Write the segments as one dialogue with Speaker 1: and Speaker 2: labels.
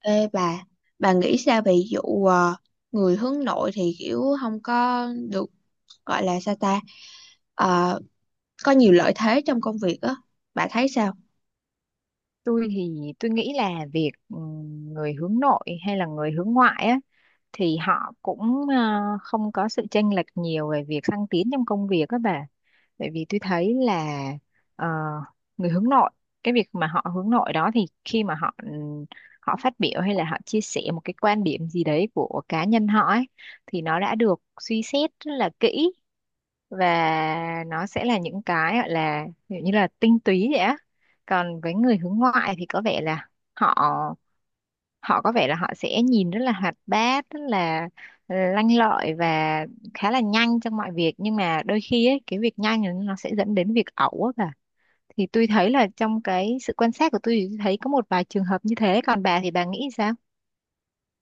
Speaker 1: Ê bà nghĩ sao về vụ người hướng nội thì kiểu không có được gọi là sao ta Ờ, có nhiều lợi thế trong công việc á, bà thấy sao?
Speaker 2: Tôi thì tôi nghĩ là việc người hướng nội hay là người hướng ngoại á thì họ cũng không có sự chênh lệch nhiều về việc thăng tiến trong công việc các bà, bởi vì tôi thấy là ờ, người hướng nội, cái việc mà họ hướng nội đó thì khi mà họ họ phát biểu hay là họ chia sẻ một cái quan điểm gì đấy của cá nhân họ ấy thì nó đã được suy xét rất là kỹ, và nó sẽ là những cái gọi là ví dụ như là tinh túy vậy á. Còn với người hướng ngoại thì có vẻ là họ họ có vẻ là họ sẽ nhìn rất là hoạt bát, rất là lanh lợi và khá là nhanh trong mọi việc, nhưng mà đôi khi ấy, cái việc nhanh này nó sẽ dẫn đến việc ẩu á bà. Thì tôi thấy là trong cái sự quan sát của tôi thì tôi thấy có một vài trường hợp như thế, còn bà thì bà nghĩ sao?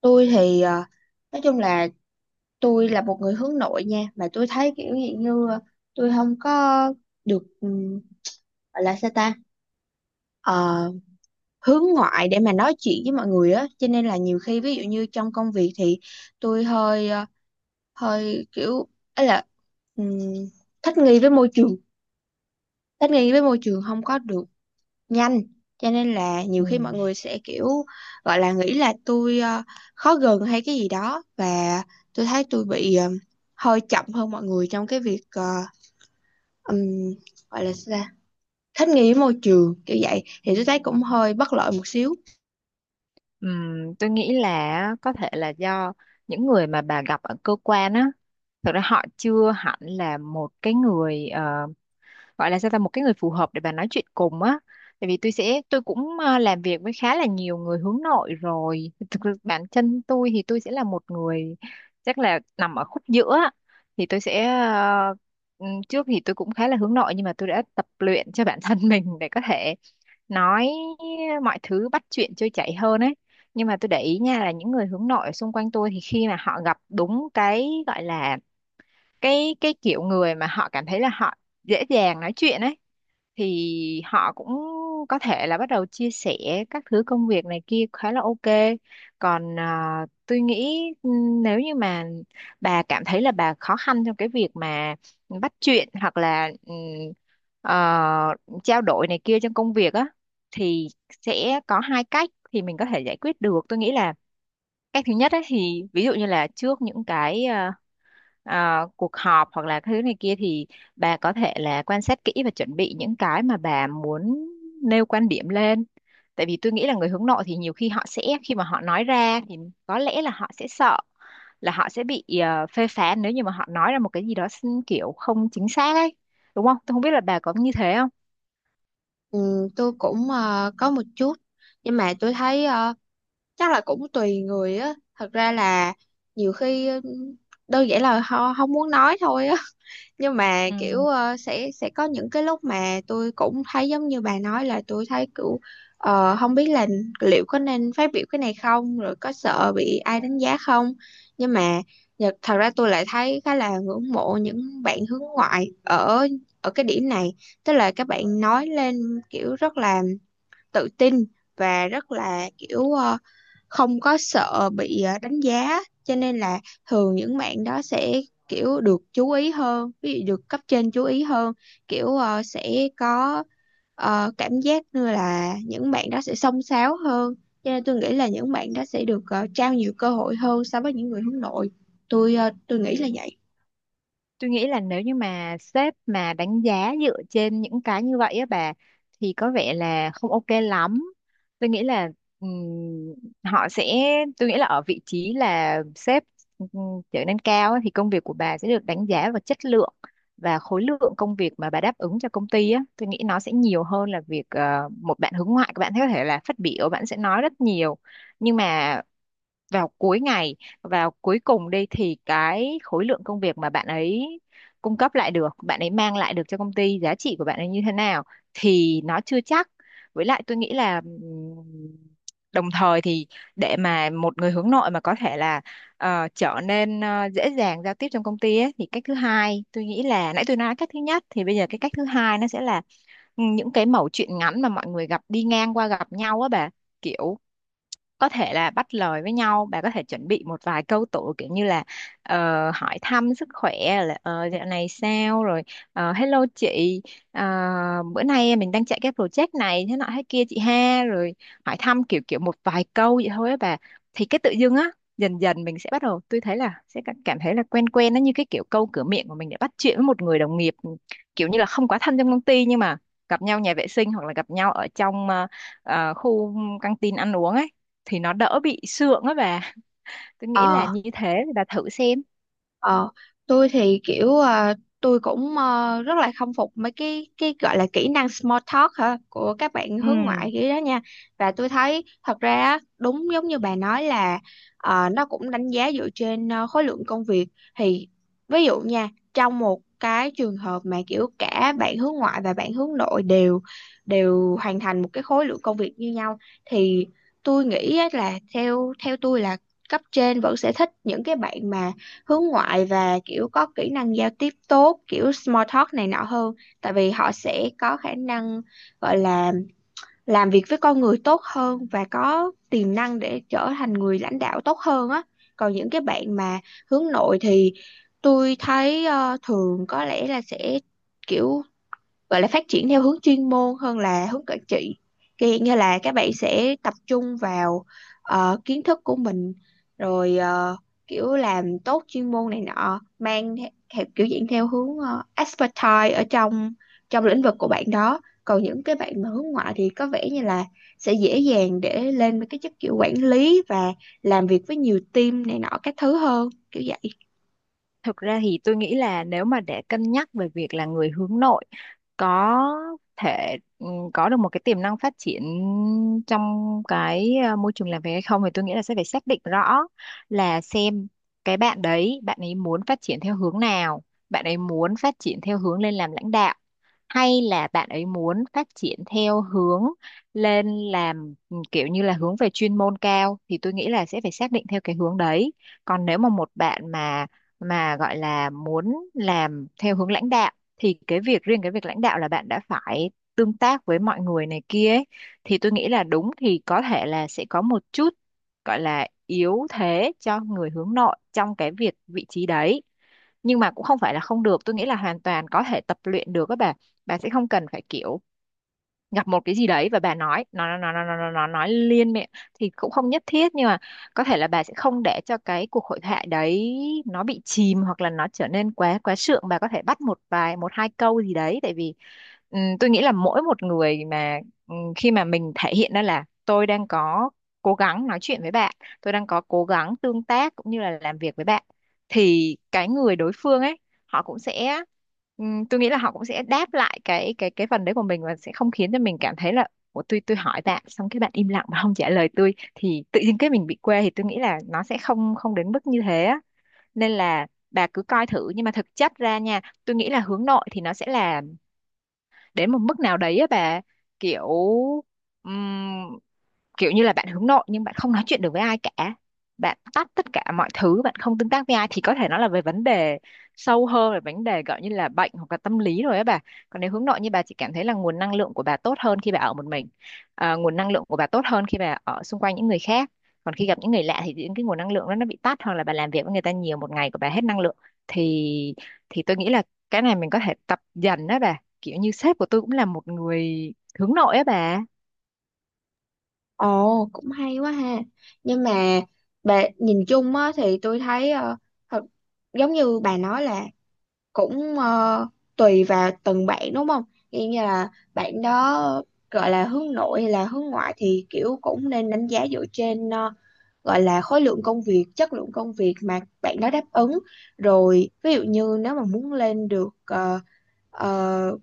Speaker 1: Tôi thì nói chung là tôi là một người hướng nội nha, mà tôi thấy kiểu gì như tôi không có được gọi là sao ta ờ, hướng ngoại để mà nói chuyện với mọi người á, cho nên là nhiều khi ví dụ như trong công việc thì tôi hơi hơi kiểu ấy ừm, thích nghi với môi trường, thích nghi với môi trường không có được nhanh, cho nên là nhiều
Speaker 2: Ừ.
Speaker 1: khi mọi người sẽ kiểu gọi là nghĩ là tôi khó gần hay cái gì đó, và tôi thấy tôi bị hơi chậm hơn mọi người trong cái việc ừm, gọi là sao ta? Thích nghi với môi trường kiểu vậy thì tôi thấy cũng hơi bất lợi một xíu.
Speaker 2: Tôi nghĩ là có thể là do những người mà bà gặp ở cơ quan á, thực ra họ chưa hẳn là một cái người gọi là sao ta, một cái người phù hợp để bà nói chuyện cùng á. Tại vì tôi sẽ tôi cũng làm việc với khá là nhiều người hướng nội rồi, thực ra bản chân tôi thì tôi sẽ là một người chắc là nằm ở khúc giữa á. Thì tôi sẽ trước thì tôi cũng khá là hướng nội, nhưng mà tôi đã tập luyện cho bản thân mình để có thể nói mọi thứ, bắt chuyện trôi chảy hơn ấy. Nhưng mà tôi để ý nha là những người hướng nội xung quanh tôi thì khi mà họ gặp đúng cái gọi là cái kiểu người mà họ cảm thấy là họ dễ dàng nói chuyện ấy thì họ cũng có thể là bắt đầu chia sẻ các thứ công việc này kia khá là ok. Còn tôi nghĩ nếu như mà bà cảm thấy là bà khó khăn trong cái việc mà bắt chuyện hoặc là ờ, trao đổi này kia trong công việc á thì sẽ có hai cách thì mình có thể giải quyết được. Tôi nghĩ là cách thứ nhất ấy, thì ví dụ như là trước những cái cuộc họp hoặc là thứ này kia thì bà có thể là quan sát kỹ và chuẩn bị những cái mà bà muốn nêu quan điểm lên. Tại vì tôi nghĩ là người hướng nội thì nhiều khi họ sẽ khi mà họ nói ra thì có lẽ là họ sẽ sợ là họ sẽ bị phê phán nếu như mà họ nói ra một cái gì đó kiểu không chính xác ấy. Đúng không? Tôi không biết là bà có như thế không?
Speaker 1: Tôi cũng có một chút, nhưng mà tôi thấy chắc là cũng tùy người á, thật ra là nhiều khi ừ, đơn giản là họ không muốn nói thôi á. Nhưng mà
Speaker 2: Ừ.
Speaker 1: kiểu sẽ có những cái lúc mà tôi cũng thấy giống như bà nói, là tôi thấy kiểu không biết là liệu có nên phát biểu cái này không, rồi có sợ bị ai đánh giá không, nhưng mà thật ra tôi lại thấy khá là ngưỡng mộ những bạn hướng ngoại ở ở cái điểm này, tức là các bạn nói lên kiểu rất là tự tin và rất là kiểu không có sợ bị đánh giá, cho nên là thường những bạn đó sẽ kiểu được chú ý hơn, ví dụ được cấp trên chú ý hơn, kiểu sẽ có cảm giác như là những bạn đó sẽ xông xáo hơn, cho nên tôi nghĩ là những bạn đó sẽ được trao nhiều cơ hội hơn so với những người hướng nội. Tôi nghĩ là vậy.
Speaker 2: Tôi nghĩ là nếu như mà sếp mà đánh giá dựa trên những cái như vậy á bà thì có vẻ là không ok lắm. Tôi nghĩ là ừm, họ sẽ tôi nghĩ là ở vị trí là sếp ừm, trở nên cao á, thì công việc của bà sẽ được đánh giá vào chất lượng và khối lượng công việc mà bà đáp ứng cho công ty á. Tôi nghĩ nó sẽ nhiều hơn là việc một bạn hướng ngoại các bạn có thể là phát biểu, bạn sẽ nói rất nhiều, nhưng mà vào cuối ngày, vào cuối cùng đi thì cái khối lượng công việc mà bạn ấy cung cấp lại được, bạn ấy mang lại được cho công ty, giá trị của bạn ấy như thế nào thì nó chưa chắc. Với lại tôi nghĩ là đồng thời thì để mà một người hướng nội mà có thể là trở nên dễ dàng giao tiếp trong công ty ấy, thì cách thứ hai tôi nghĩ là nãy tôi nói cách thứ nhất thì bây giờ cái cách thứ hai nó sẽ là những cái mẩu chuyện ngắn mà mọi người gặp đi ngang qua gặp nhau á bà, kiểu có thể là bắt lời với nhau. Bà có thể chuẩn bị một vài câu tụ kiểu như là ờ, hỏi thăm sức khỏe, là dạo này sao rồi, hello chị, ờ, bữa nay mình đang chạy cái project này thế nọ thế kia chị ha, rồi hỏi thăm kiểu kiểu một vài câu vậy thôi á bà. Thì cái tự dưng á dần dần mình sẽ bắt đầu, tôi thấy là sẽ cảm cảm thấy là quen quen nó như cái kiểu câu cửa miệng của mình để bắt chuyện với một người đồng nghiệp kiểu như là không quá thân trong công ty, nhưng mà gặp nhau nhà vệ sinh hoặc là gặp nhau ở trong khu căng tin ăn uống ấy thì nó đỡ bị sượng á bà. Tôi nghĩ
Speaker 1: Ờ,
Speaker 2: là như thế thì bà thử xem.
Speaker 1: ờ, tôi thì kiểu à, tôi cũng rất là khâm phục mấy cái gọi là kỹ năng small talk hả, của các bạn hướng
Speaker 2: Ừ.
Speaker 1: ngoại kiểu đó nha. Và tôi thấy thật ra á, đúng giống như bà nói là nó cũng đánh giá dựa trên khối lượng công việc. Thì ví dụ nha, trong một cái trường hợp mà kiểu cả bạn hướng ngoại và bạn hướng nội đều đều hoàn thành một cái khối lượng công việc như nhau, thì tôi nghĩ á là theo theo tôi là cấp trên vẫn sẽ thích những cái bạn mà hướng ngoại và kiểu có kỹ năng giao tiếp tốt, kiểu small talk này nọ hơn, tại vì họ sẽ có khả năng gọi là làm việc với con người tốt hơn, và có tiềm năng để trở thành người lãnh đạo tốt hơn á. Còn những cái bạn mà hướng nội thì tôi thấy thường có lẽ là sẽ kiểu gọi là phát triển theo hướng chuyên môn hơn là hướng quản trị, kiểu hiện như là các bạn sẽ tập trung vào kiến thức của mình, rồi kiểu làm tốt chuyên môn này nọ, theo kiểu diễn theo hướng expertise ở trong trong lĩnh vực của bạn đó. Còn những cái bạn mà hướng ngoại thì có vẻ như là sẽ dễ dàng để lên với cái chức kiểu quản lý, và làm việc với nhiều team này nọ các thứ hơn, kiểu vậy.
Speaker 2: Thực ra thì tôi nghĩ là nếu mà để cân nhắc về việc là người hướng nội có thể có được một cái tiềm năng phát triển trong cái môi trường làm việc hay không thì tôi nghĩ là sẽ phải xác định rõ là xem cái bạn đấy, bạn ấy muốn phát triển theo hướng nào, bạn ấy muốn phát triển theo hướng lên làm lãnh đạo hay là bạn ấy muốn phát triển theo hướng lên làm kiểu như là hướng về chuyên môn cao, thì tôi nghĩ là sẽ phải xác định theo cái hướng đấy. Còn nếu mà một bạn mà gọi là muốn làm theo hướng lãnh đạo thì cái việc riêng, cái việc lãnh đạo là bạn đã phải tương tác với mọi người này kia ấy. Thì tôi nghĩ là đúng thì có thể là sẽ có một chút gọi là yếu thế cho người hướng nội trong cái việc vị trí đấy, nhưng mà cũng không phải là không được, tôi nghĩ là hoàn toàn có thể tập luyện được các bạn. Bà sẽ không cần phải kiểu gặp một cái gì đấy và bà nói nó nói liên miệng thì cũng không nhất thiết, nhưng mà có thể là bà sẽ không để cho cái cuộc hội thoại đấy nó bị chìm hoặc là nó trở nên quá quá sượng, bà có thể bắt một vài, một hai câu gì đấy, tại vì tôi nghĩ là mỗi một người mà khi mà mình thể hiện ra là tôi đang có cố gắng nói chuyện với bạn, tôi đang có cố gắng tương tác cũng như là làm việc với bạn thì cái người đối phương ấy họ cũng sẽ tôi nghĩ là họ cũng sẽ đáp lại cái phần đấy của mình, và sẽ không khiến cho mình cảm thấy là Ủa, tôi hỏi bạn xong cái bạn im lặng mà không trả lời tôi thì tự nhiên cái mình bị quê. Thì tôi nghĩ là nó sẽ không không đến mức như thế á. Nên là bà cứ coi thử, nhưng mà thực chất ra nha, tôi nghĩ là hướng nội thì nó sẽ là đến một mức nào đấy á bà, kiểu kiểu như là bạn hướng nội nhưng bạn không nói chuyện được với ai cả, bạn tắt tất cả mọi thứ, bạn không tương tác với ai thì có thể nó là về vấn đề sâu hơn, về vấn đề gọi như là bệnh hoặc là tâm lý rồi á bà. Còn nếu hướng nội như bà chỉ cảm thấy là nguồn năng lượng của bà tốt hơn khi bà ở một mình, nguồn năng lượng của bà tốt hơn khi bà ở xung quanh những người khác, còn khi gặp những người lạ thì những cái nguồn năng lượng đó nó bị tắt, hoặc là bà làm việc với người ta nhiều, một ngày của bà hết năng lượng, thì thì tôi nghĩ là cái này mình có thể tập dần đó bà, kiểu như sếp của tôi cũng là một người hướng nội á bà.
Speaker 1: Ồ, cũng hay quá ha. Nhưng mà bà nhìn chung á thì tôi thấy thật, giống như bà nói là cũng tùy vào từng bạn đúng không? Như như là bạn đó gọi là hướng nội hay là hướng ngoại, thì kiểu cũng nên đánh giá dựa trên gọi là khối lượng công việc, chất lượng công việc mà bạn đó đáp ứng. Rồi ví dụ như nếu mà muốn lên được uh,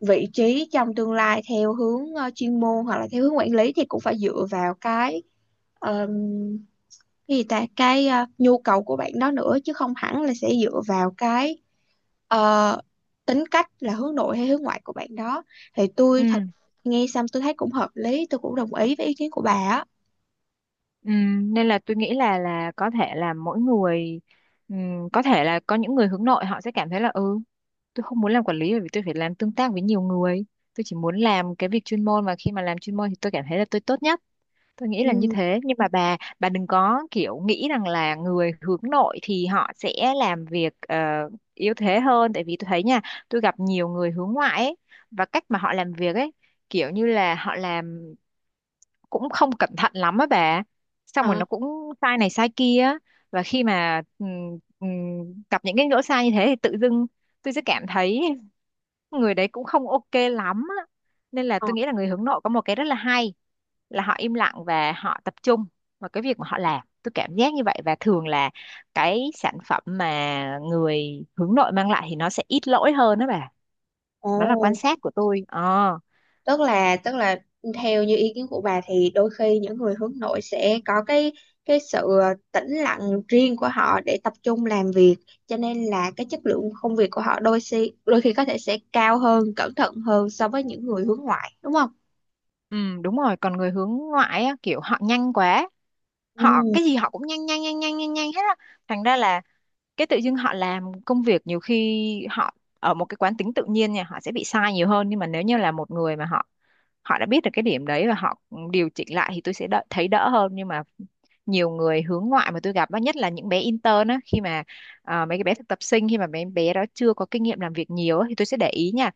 Speaker 1: vị trí trong tương lai theo hướng chuyên môn hoặc là theo hướng quản lý, thì cũng phải dựa vào ờm, cái gì ta, cái nhu cầu của bạn đó nữa, chứ không hẳn là sẽ dựa vào cái ờ, tính cách là hướng nội hay hướng ngoại của bạn đó. Thì
Speaker 2: Ừ.
Speaker 1: tôi thật nghe xong tôi thấy cũng hợp lý, tôi cũng đồng ý với ý kiến của bà á.
Speaker 2: Nên là tôi nghĩ là có thể là mỗi người có thể là có những người hướng nội họ sẽ cảm thấy là ừ, tôi không muốn làm quản lý bởi vì tôi phải làm tương tác với nhiều người, tôi chỉ muốn làm cái việc chuyên môn và khi mà làm chuyên môn thì tôi cảm thấy là tôi tốt nhất. Tôi nghĩ là như
Speaker 1: Ừ.
Speaker 2: thế, nhưng mà bà đừng có kiểu nghĩ rằng là người hướng nội thì họ sẽ làm việc yếu thế hơn, tại vì tôi thấy nha, tôi gặp nhiều người hướng ngoại ấy, và cách mà họ làm việc ấy kiểu như là họ làm cũng không cẩn thận lắm á bà, xong rồi
Speaker 1: Ờ.
Speaker 2: nó cũng sai này sai kia á. Và khi mà gặp những cái lỗi sai như thế thì tự dưng tôi sẽ cảm thấy người đấy cũng không ok lắm á. Nên là
Speaker 1: Ờ.
Speaker 2: tôi nghĩ là người hướng nội có một cái rất là hay là họ im lặng và họ tập trung vào cái việc mà họ làm, tôi cảm giác như vậy. Và thường là cái sản phẩm mà người hướng nội mang lại thì nó sẽ ít lỗi hơn đó bà.
Speaker 1: Ồ,
Speaker 2: Đó là quan sát của tôi. Ờ.
Speaker 1: tức là theo như ý kiến của bà thì đôi khi những người hướng nội sẽ có cái sự tĩnh lặng riêng của họ để tập trung làm việc, cho nên là cái chất lượng công việc của họ đôi khi có thể sẽ cao hơn, cẩn thận hơn so với những người hướng ngoại đúng không?
Speaker 2: Ừ, đúng rồi, còn người hướng ngoại á, kiểu họ nhanh quá, họ
Speaker 1: Ừ.
Speaker 2: cái gì họ cũng nhanh nhanh nhanh nhanh nhanh nhanh hết á. Thành ra là cái tự dưng họ làm công việc nhiều khi họ ở một cái quán tính tự nhiên nha, họ sẽ bị sai nhiều hơn, nhưng mà nếu như là một người mà họ họ đã biết được cái điểm đấy và họ điều chỉnh lại thì tôi sẽ đỡ, thấy đỡ hơn. Nhưng mà nhiều người hướng ngoại mà tôi gặp á, nhất là những bé intern á, khi mà mấy cái bé thực tập sinh khi mà mấy bé đó chưa có kinh nghiệm làm việc nhiều á, thì tôi sẽ để ý nha.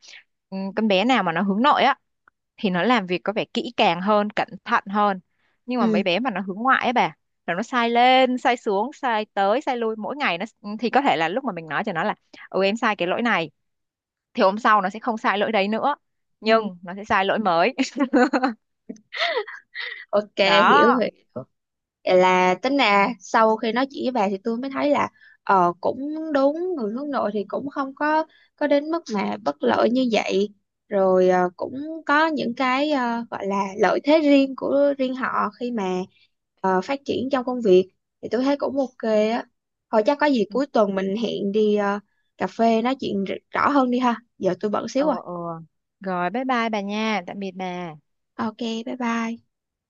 Speaker 2: Ừ, con bé nào mà nó hướng nội á thì nó làm việc có vẻ kỹ càng hơn, cẩn thận hơn, nhưng mà mấy
Speaker 1: Ừ.
Speaker 2: bé mà nó hướng ngoại ấy bà, là nó sai lên sai xuống, sai tới sai lui mỗi ngày. Nó thì có thể là lúc mà mình nói cho nó là ừ em sai cái lỗi này thì hôm sau nó sẽ không sai lỗi đấy nữa,
Speaker 1: Ừ.
Speaker 2: nhưng nó sẽ sai lỗi mới.
Speaker 1: Ok, hiểu hiểu.
Speaker 2: Đó.
Speaker 1: Vậy là tính ra sau khi nói chuyện với bà thì tôi mới thấy là ờ, cũng đúng, người hướng nội thì cũng không có có đến mức mà bất lợi như vậy, rồi cũng có những cái gọi là lợi thế riêng của riêng họ, khi mà phát triển trong công việc, thì tôi thấy cũng ok á. Thôi chắc có gì
Speaker 2: Ừ.
Speaker 1: cuối tuần mình hẹn đi cà phê nói chuyện rõ hơn đi ha, giờ tôi bận xíu
Speaker 2: Ờ,
Speaker 1: rồi.
Speaker 2: ờ, rồi bye bye bà nha, tạm biệt bà.
Speaker 1: Ok, bye bye.